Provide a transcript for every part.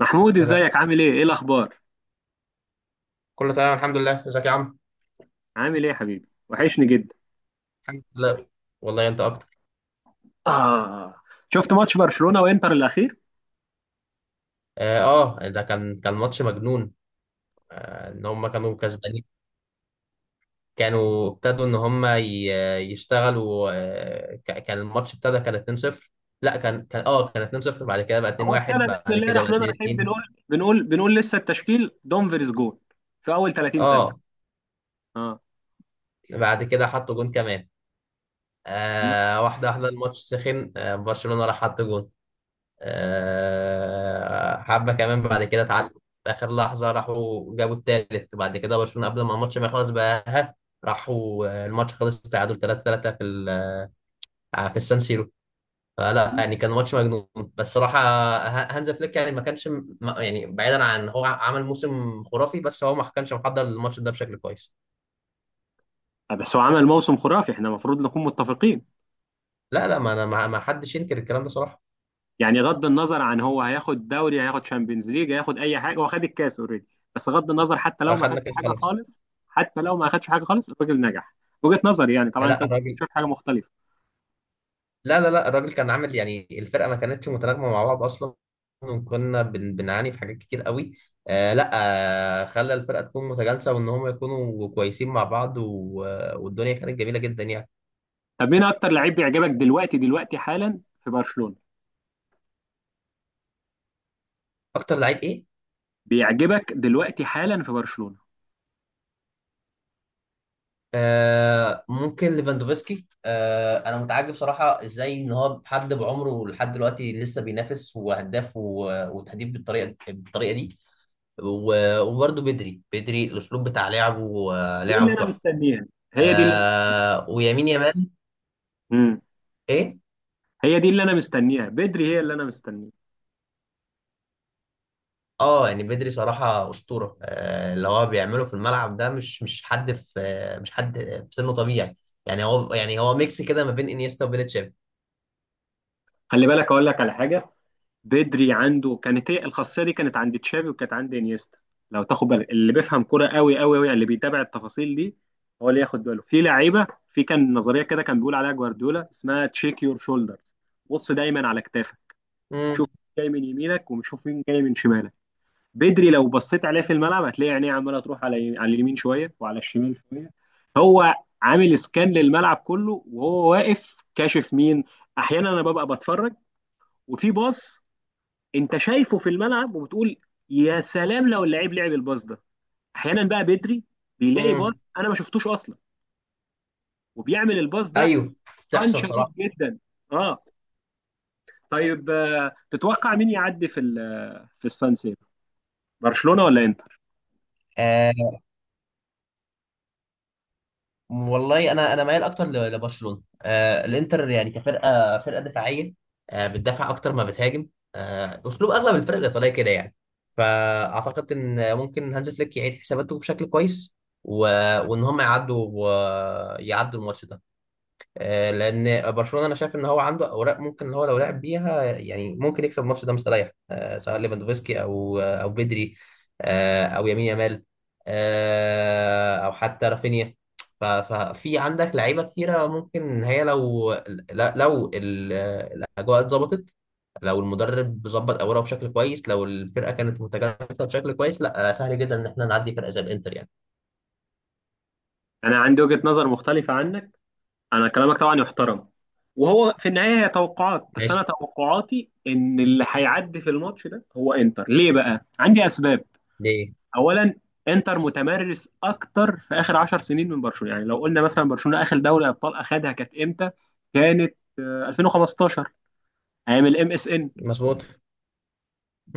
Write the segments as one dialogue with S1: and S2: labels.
S1: محمود،
S2: بدأت
S1: ازيك؟ عامل ايه؟ ايه الاخبار؟
S2: كله تمام، الحمد لله. ازيك يا عم؟
S1: عامل ايه يا حبيبي؟ وحشني جدا.
S2: الحمد لله، والله انت اكتر.
S1: آه. شفت ماتش برشلونة وانتر الاخير؟
S2: ده كان ماتش مجنون. ان هم كانوا كسبانين. كانوا ابتدوا ان هم يشتغلوا. كان الماتش ابتدى كان 2-0. لا، كان 2-0، بعد كده بقى
S1: هو
S2: 2-1،
S1: ابتدى بسم
S2: بعد
S1: الله
S2: كده بقى
S1: الرحمن الرحيم.
S2: 2-2.
S1: بنقول لسه التشكيل دومفريز جول في اول 30
S2: اه
S1: ثانية. اه.
S2: بعد كده حطوا جون كمان.
S1: لا،
S2: واحده واحده الماتش سخن. برشلونة راح حط جون. حبة كمان، بعد كده اتعادلوا في آخر لحظة، راحوا جابوا التالت، بعد كده برشلونة قبل ما الماتش ما يخلص بقى راحوا. الماتش خلص تعادل 3-3 في في السان سيرو. فلا يعني كان ماتش مجنون. بس صراحة هانز فليك يعني ما كانش يعني بعيدا عن هو عمل موسم خرافي، بس هو ما كانش محضر الماتش ده بشكل كويس.
S1: بس هو عمل موسم خرافي، احنا المفروض نكون متفقين.
S2: لا لا، ما انا ما حدش ينكر الكلام ده صراحة.
S1: يعني غض النظر عن هو هياخد دوري، هياخد شامبيونز ليج، هياخد اي حاجة، هو خد الكاس اوريدي. بس غض النظر، حتى لو ما خدش
S2: اخدنا كاس
S1: حاجة
S2: خلاص.
S1: خالص، حتى لو ما خدش حاجة خالص، الراجل نجح. وجهة نظري يعني، طبعا انت
S2: لا
S1: ممكن
S2: الراجل
S1: تشوف حاجة مختلفة.
S2: لا لا لا، الراجل كان عامل يعني الفرقه ما كانتش متناغمه مع بعض اصلا. وكنا بنعاني في حاجات كتير قوي. لا. خلى الفرقه تكون متجانسه وان هم يكونوا كويسين مع بعض والدنيا كانت جميله جدا يعني.
S1: طب مين اكتر لعيب بيعجبك دلوقتي دلوقتي حالا في برشلونة؟
S2: اكتر لعيب ايه؟
S1: بيعجبك دلوقتي حالا في برشلونة؟
S2: ممكن ليفاندوفسكي. انا متعجب صراحه ازاي ان هو حد بعمره لحد دلوقتي لسه بينافس وهداف وتهديف بالطريقه دي. وبرضه بدري، الاسلوب بتاع لعبه،
S1: دي اللي
S2: لعبه
S1: انا
S2: تحفه.
S1: مستنيها، هي دي اللي انا مستنيها.
S2: ويمين يامال.
S1: امم
S2: ايه؟
S1: هي دي اللي انا مستنيها، بدري، هي اللي انا مستنيها.
S2: اه يعني بدري صراحة أسطورة. اللي هو بيعمله في الملعب ده مش حد في مش حد في سنه طبيعي. يعني هو ميكس كده ما بين انيستا وبيلتشيف.
S1: خلي بالك اقول لك على حاجة. بدري عنده كانت هي الخاصية دي، كانت عند تشافي وكانت عند انيستا. لو تاخد بالك، اللي بيفهم كرة قوي قوي قوي، اللي بيتابع التفاصيل دي، هو اللي ياخد باله في لعيبة. في كان نظرية كده كان بيقول عليها جوارديولا اسمها تشيك يور شولدرز. بص دايما على كتافك، شوف
S2: امم.
S1: مين جاي من يمينك وشوف مين جاي من شمالك. بدري لو بصيت عليه في الملعب، هتلاقي عينيه عماله تروح على اليمين شويه وعلى الشمال شويه. هو عامل سكان للملعب كله وهو واقف، كاشف مين. احيانا انا ببقى بتفرج، وفي باص انت شايفه في الملعب وبتقول يا سلام لو اللعيب لعب الباص ده. احيانا بقى بدري بيلاقي
S2: امم.
S1: باص انا ما شفتوش اصلا، وبيعمل الباص ده.
S2: ايوه،
S1: قان
S2: بتحصل
S1: شديد
S2: صراحة.
S1: جدا. اه. طيب، تتوقع مين يعدي في السان سيرو؟ برشلونه ولا انتر؟
S2: آه، والله انا مايل اكتر لبرشلونه. الانتر يعني فرقه دفاعيه. بتدافع اكتر ما بتهاجم. اسلوب اغلب الفرق الايطاليه كده يعني. فاعتقد ان ممكن هانز فليك يعيد حساباته بشكل كويس، و... وان هم يعدوا الماتش ده. لان برشلونه انا شايف ان هو عنده اوراق ممكن ان هو لو لعب بيها يعني ممكن يكسب الماتش ده مستريح، سواء ليفاندوفسكي او بدري، او يمين يامال، او حتى رافينيا. ففي عندك لعيبه كتيره ممكن هي لو لا- لو ال- الاجواء اتظبطت. لو المدرب ظبط اوراقه بشكل كويس، لو الفرقه كانت متجانسه بشكل كويس، لا، سهل جدا ان احنا نعدي فرقه زي الانتر يعني.
S1: انا عندي وجهه نظر مختلفه عنك. انا كلامك طبعا يحترم، وهو في النهايه هي توقعات، بس
S2: ماشي.
S1: انا توقعاتي ان اللي هيعدي في الماتش ده هو انتر. ليه بقى عندي اسباب؟
S2: دي
S1: اولا، انتر متمرس اكتر في اخر 10 سنين من برشلونه. يعني لو قلنا مثلا برشلونه اخر دوري ابطال اخدها كانت امتى؟ كانت 2015، ايام الام اس ان.
S2: مظبوط.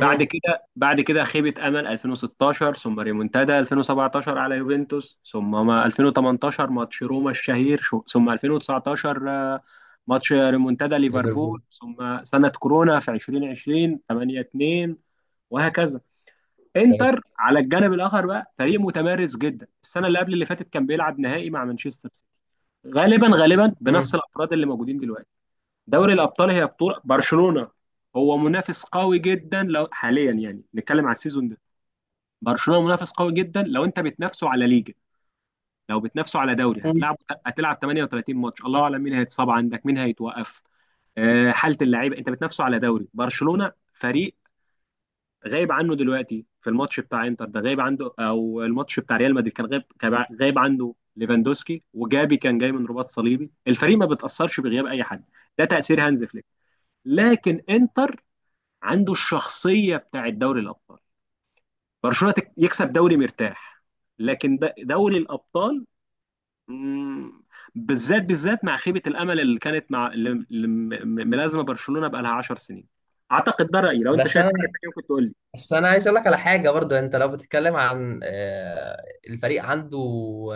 S1: بعد كده، خيبة أمل 2016، ثم ريمونتادا 2017 على يوفنتوس، ثم ما 2018 ماتش روما الشهير، ثم 2019، ماتش ريمونتادا ليفربول،
S2: ليفربول.
S1: ثم سنة كورونا في 2020، 8-2، وهكذا. انتر على الجانب الآخر بقى فريق متمرس جدا، السنة اللي قبل اللي فاتت كان بيلعب نهائي مع مانشستر سيتي، غالبا غالبا بنفس
S2: امم.
S1: الأفراد اللي موجودين دلوقتي. دوري الابطال هي بطوله برشلونه، هو منافس قوي جدا لو حاليا يعني نتكلم على السيزون ده. برشلونه منافس قوي جدا لو انت بتنافسه على ليجا. لو بتنافسه على دوري، هتلعب 38 ماتش، الله اعلم مين هيتصاب عندك، مين هيتوقف. حاله اللعيبه، انت بتنافسه على دوري. برشلونه فريق غايب عنه دلوقتي في الماتش بتاع انتر ده، غايب عنده، او الماتش بتاع ريال مدريد كان غايب عنده ليفاندوسكي، وجابي كان جاي من رباط صليبي. الفريق ما بتاثرش بغياب اي حد، ده تاثير هانز فليك. لكن انتر عنده الشخصيه بتاعت دوري الابطال. برشلونه يكسب دوري مرتاح، لكن دوري الابطال، مم، بالذات بالذات مع خيبه الامل اللي كانت، مع اللي ملازمه برشلونه بقى لها 10 سنين. اعتقد ده رايي، لو انت
S2: بس
S1: شايف حاجه
S2: انا
S1: ثانيه ممكن تقول لي.
S2: بس انا عايز اقول لك على حاجه برضو. يعني انت لو بتتكلم عن الفريق عنده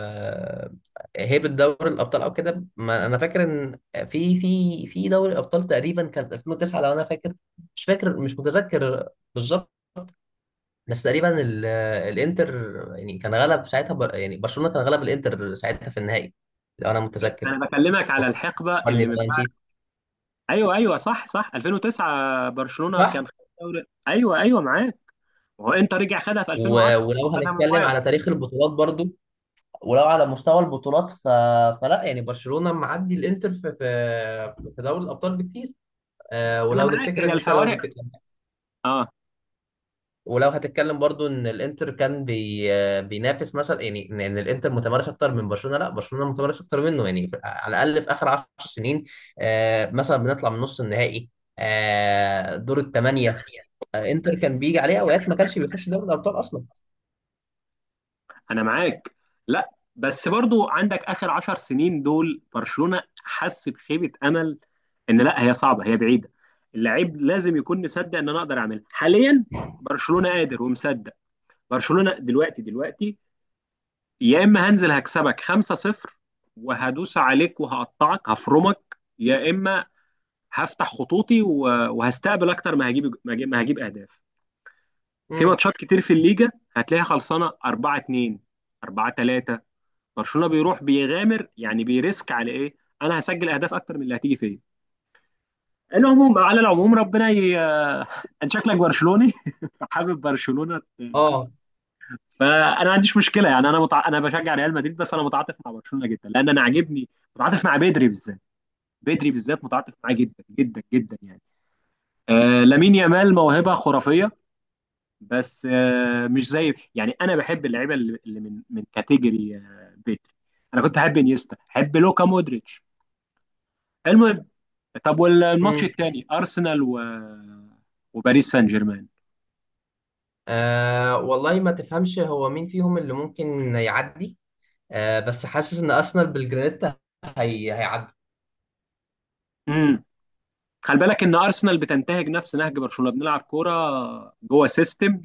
S2: آه، هيبه دوري الابطال او كده، ما انا فاكر ان في دوري الابطال تقريبا كانت 2009 لو انا فاكر. مش فاكر مش متذكر بالظبط. بس تقريبا الانتر يعني كان غلب ساعتها، يعني برشلونه كان غلب الانتر ساعتها في النهائي لو انا متذكر.
S1: انا بكلمك على الحقبه
S2: فكرني
S1: اللي
S2: لو
S1: من
S2: أنا
S1: بعد.
S2: نسيت.
S1: ايوه ايوه، صح صح، 2009 برشلونه كان
S2: صح.
S1: خد دوري. ايوه ايوه، معاك. وهو انت رجع خدها في 2010،
S2: ولو
S1: خدها من
S2: هنتكلم
S1: بايرن.
S2: على تاريخ البطولات برضو، ولو على مستوى البطولات فلا يعني برشلونة معدي الانتر في دوري الابطال بكتير.
S1: انا
S2: ولو
S1: معاك،
S2: نفتكر
S1: هي
S2: ان انت
S1: الفوارق. اه،
S2: ولو هتتكلم برضو ان الانتر كان بي... آه، بينافس مثلا. يعني إن الانتر متمرس اكتر من برشلونة. لا، برشلونة متمرس اكتر منه يعني على الاقل في اخر 10 سنين. مثلا بنطلع من نص النهائي، دور الثمانية. انتر كان بيجي عليه اوقات ما كانش بيخش دوري الابطال اصلا.
S1: انا معاك. لا بس برضو عندك اخر 10 سنين دول برشلونة حس بخيبة امل، ان لا، هي صعبة، هي بعيدة. اللاعب لازم يكون مصدق ان انا اقدر اعملها حاليا. برشلونة قادر ومصدق. برشلونة دلوقتي دلوقتي، يا اما هنزل هكسبك 5-0 وهدوس عليك وهقطعك هفرمك، يا اما هفتح خطوطي وهستقبل اكتر، ما هجيب اهداف. في
S2: امم.
S1: ماتشات كتير في الليجا هتلاقيها خلصانة 4-2، 4-3، برشلونه بيروح بيغامر، يعني بيريسك على ايه؟ انا هسجل اهداف اكتر من اللي هتيجي فيا. على العموم، ربنا انت شكلك برشلوني فحابب برشلونه.
S2: اه.
S1: فانا ما عنديش مشكله، يعني انا انا بشجع ريال مدريد، بس انا متعاطف مع برشلونه جدا لان انا عاجبني. متعاطف مع بدري بالذات، بدري بالذات متعاطف معاه جدا جدا جدا يعني. لامين يامال موهبه خرافيه، بس مش زي، يعني انا بحب اللعيبه اللي من كاتيجوري بدري. انا كنت احب انيستا، احب لوكا مودريتش. المهم، طب والماتش التاني ارسنال وباريس سان جيرمان؟
S2: أه والله ما تفهمش هو مين فيهم اللي ممكن يعدي. أه بس حاسس ان ارسنال بالجرانيتا هي هيعدي.
S1: امم خلي بالك ان ارسنال بتنتهج نفس نهج برشلونه، بنلعب كوره جوه سيستم.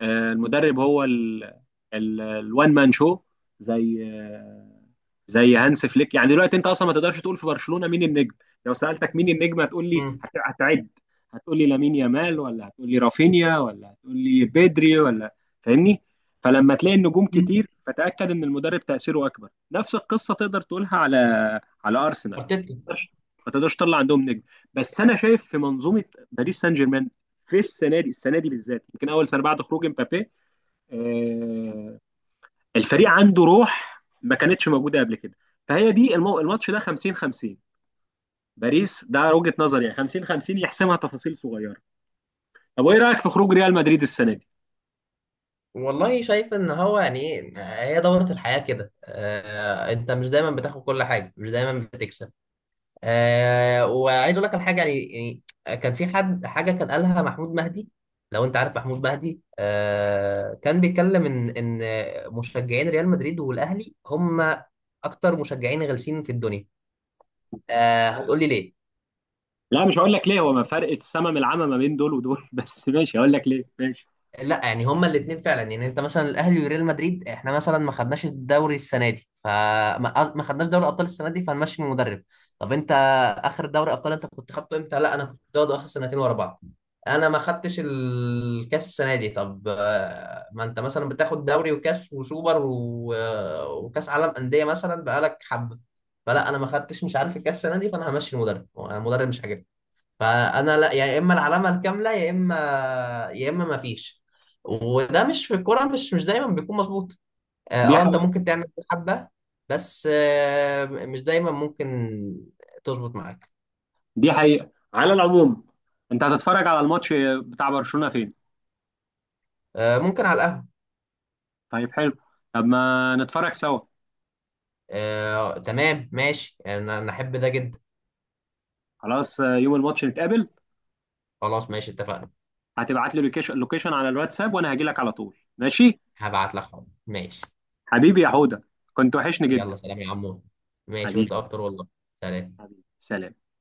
S1: المدرب هو الوان مان شو، زي زي هانس فليك. يعني دلوقتي انت اصلا ما تقدرش تقول في برشلونه مين النجم. لو سالتك مين النجم، هتقول لي،
S2: مم.
S1: هتعد. هتقول لي لامين يامال، ولا هتقول لي رافينيا، ولا هتقول لي بيدري، ولا؟ فاهمني؟ فلما تلاقي النجوم
S2: مم.
S1: كتير فتاكد ان المدرب تاثيره اكبر. نفس القصه تقدر تقولها على ارسنال.
S2: ارتيتا.
S1: ما تقدرش ما تقدرش تطلع عندهم نجم. بس انا شايف في منظومه. باريس سان جيرمان في السنه دي، السنه دي بالذات يمكن اول سنه بعد خروج امبابي، آه، الفريق عنده روح ما كانتش موجوده قبل كده. فهي دي الماتش ده 50 50، باريس، ده وجهه نظري يعني، 50 50 يحسمها تفاصيل صغيره. طب وايه رايك في خروج ريال مدريد السنه دي؟
S2: والله شايف ان هو يعني ايه، هي دورة الحياة كده. أه انت مش دايما بتاخد كل حاجة، مش دايما بتكسب. أه وعايز اقول لك على حاجة يعني. يعني كان في حد حاجة كان قالها محمود مهدي، لو انت عارف محمود مهدي. أه كان بيتكلم ان مشجعين ريال مدريد والاهلي هم اكتر مشجعين غلسين في الدنيا. آه هتقول لي ليه.
S1: لا، مش هقول لك ليه، هو ما فرق السما من العمى ما بين دول ودول. بس ماشي، هقول لك ليه، ماشي.
S2: لا يعني هما الاثنين فعلا. يعني انت مثلا الاهلي وريال مدريد، احنا مثلا ما خدناش الدوري السنه دي، ما خدناش دوري ابطال السنه دي فهنمشي المدرب. طب انت اخر دوري ابطال انت كنت خدته امتى؟ لا، انا كنت واخده اخر سنتين ورا بعض. انا ما خدتش الكاس السنه دي. طب ما انت مثلا بتاخد دوري وكاس وسوبر وكاس عالم انديه مثلا بقالك حبه. فلا انا ما خدتش مش عارف الكاس السنه دي فانا همشي المدرب. انا المدرب مش عاجبني. فانا لا، يا اما العلامه الكامله، يا اما يا اما ما فيش. وده مش في الكوره، مش دايما بيكون مظبوط.
S1: دي
S2: انت
S1: حقيقه،
S2: ممكن تعمل حبه بس مش دايما ممكن تظبط معاك.
S1: دي حقيقه على العموم. انت هتتفرج على الماتش بتاع برشلونه فين؟
S2: ممكن على القهوه.
S1: طيب، حلو. طب ما نتفرج سوا.
S2: تمام ماشي، انا احب ده جدا.
S1: خلاص، يوم الماتش نتقابل.
S2: خلاص ماشي اتفقنا.
S1: هتبعت لي لوكيشن لوكيشن على الواتساب، وانا هاجي لك على طول ماشي.
S2: هبعت لك حاضر. ماشي.
S1: حبيبي يا حوده، كنت وحشني جدا.
S2: يلا سلام يا عمو. ماشي
S1: حبيبي،
S2: وانت اكتر والله. سلام.
S1: حبيبي سلام.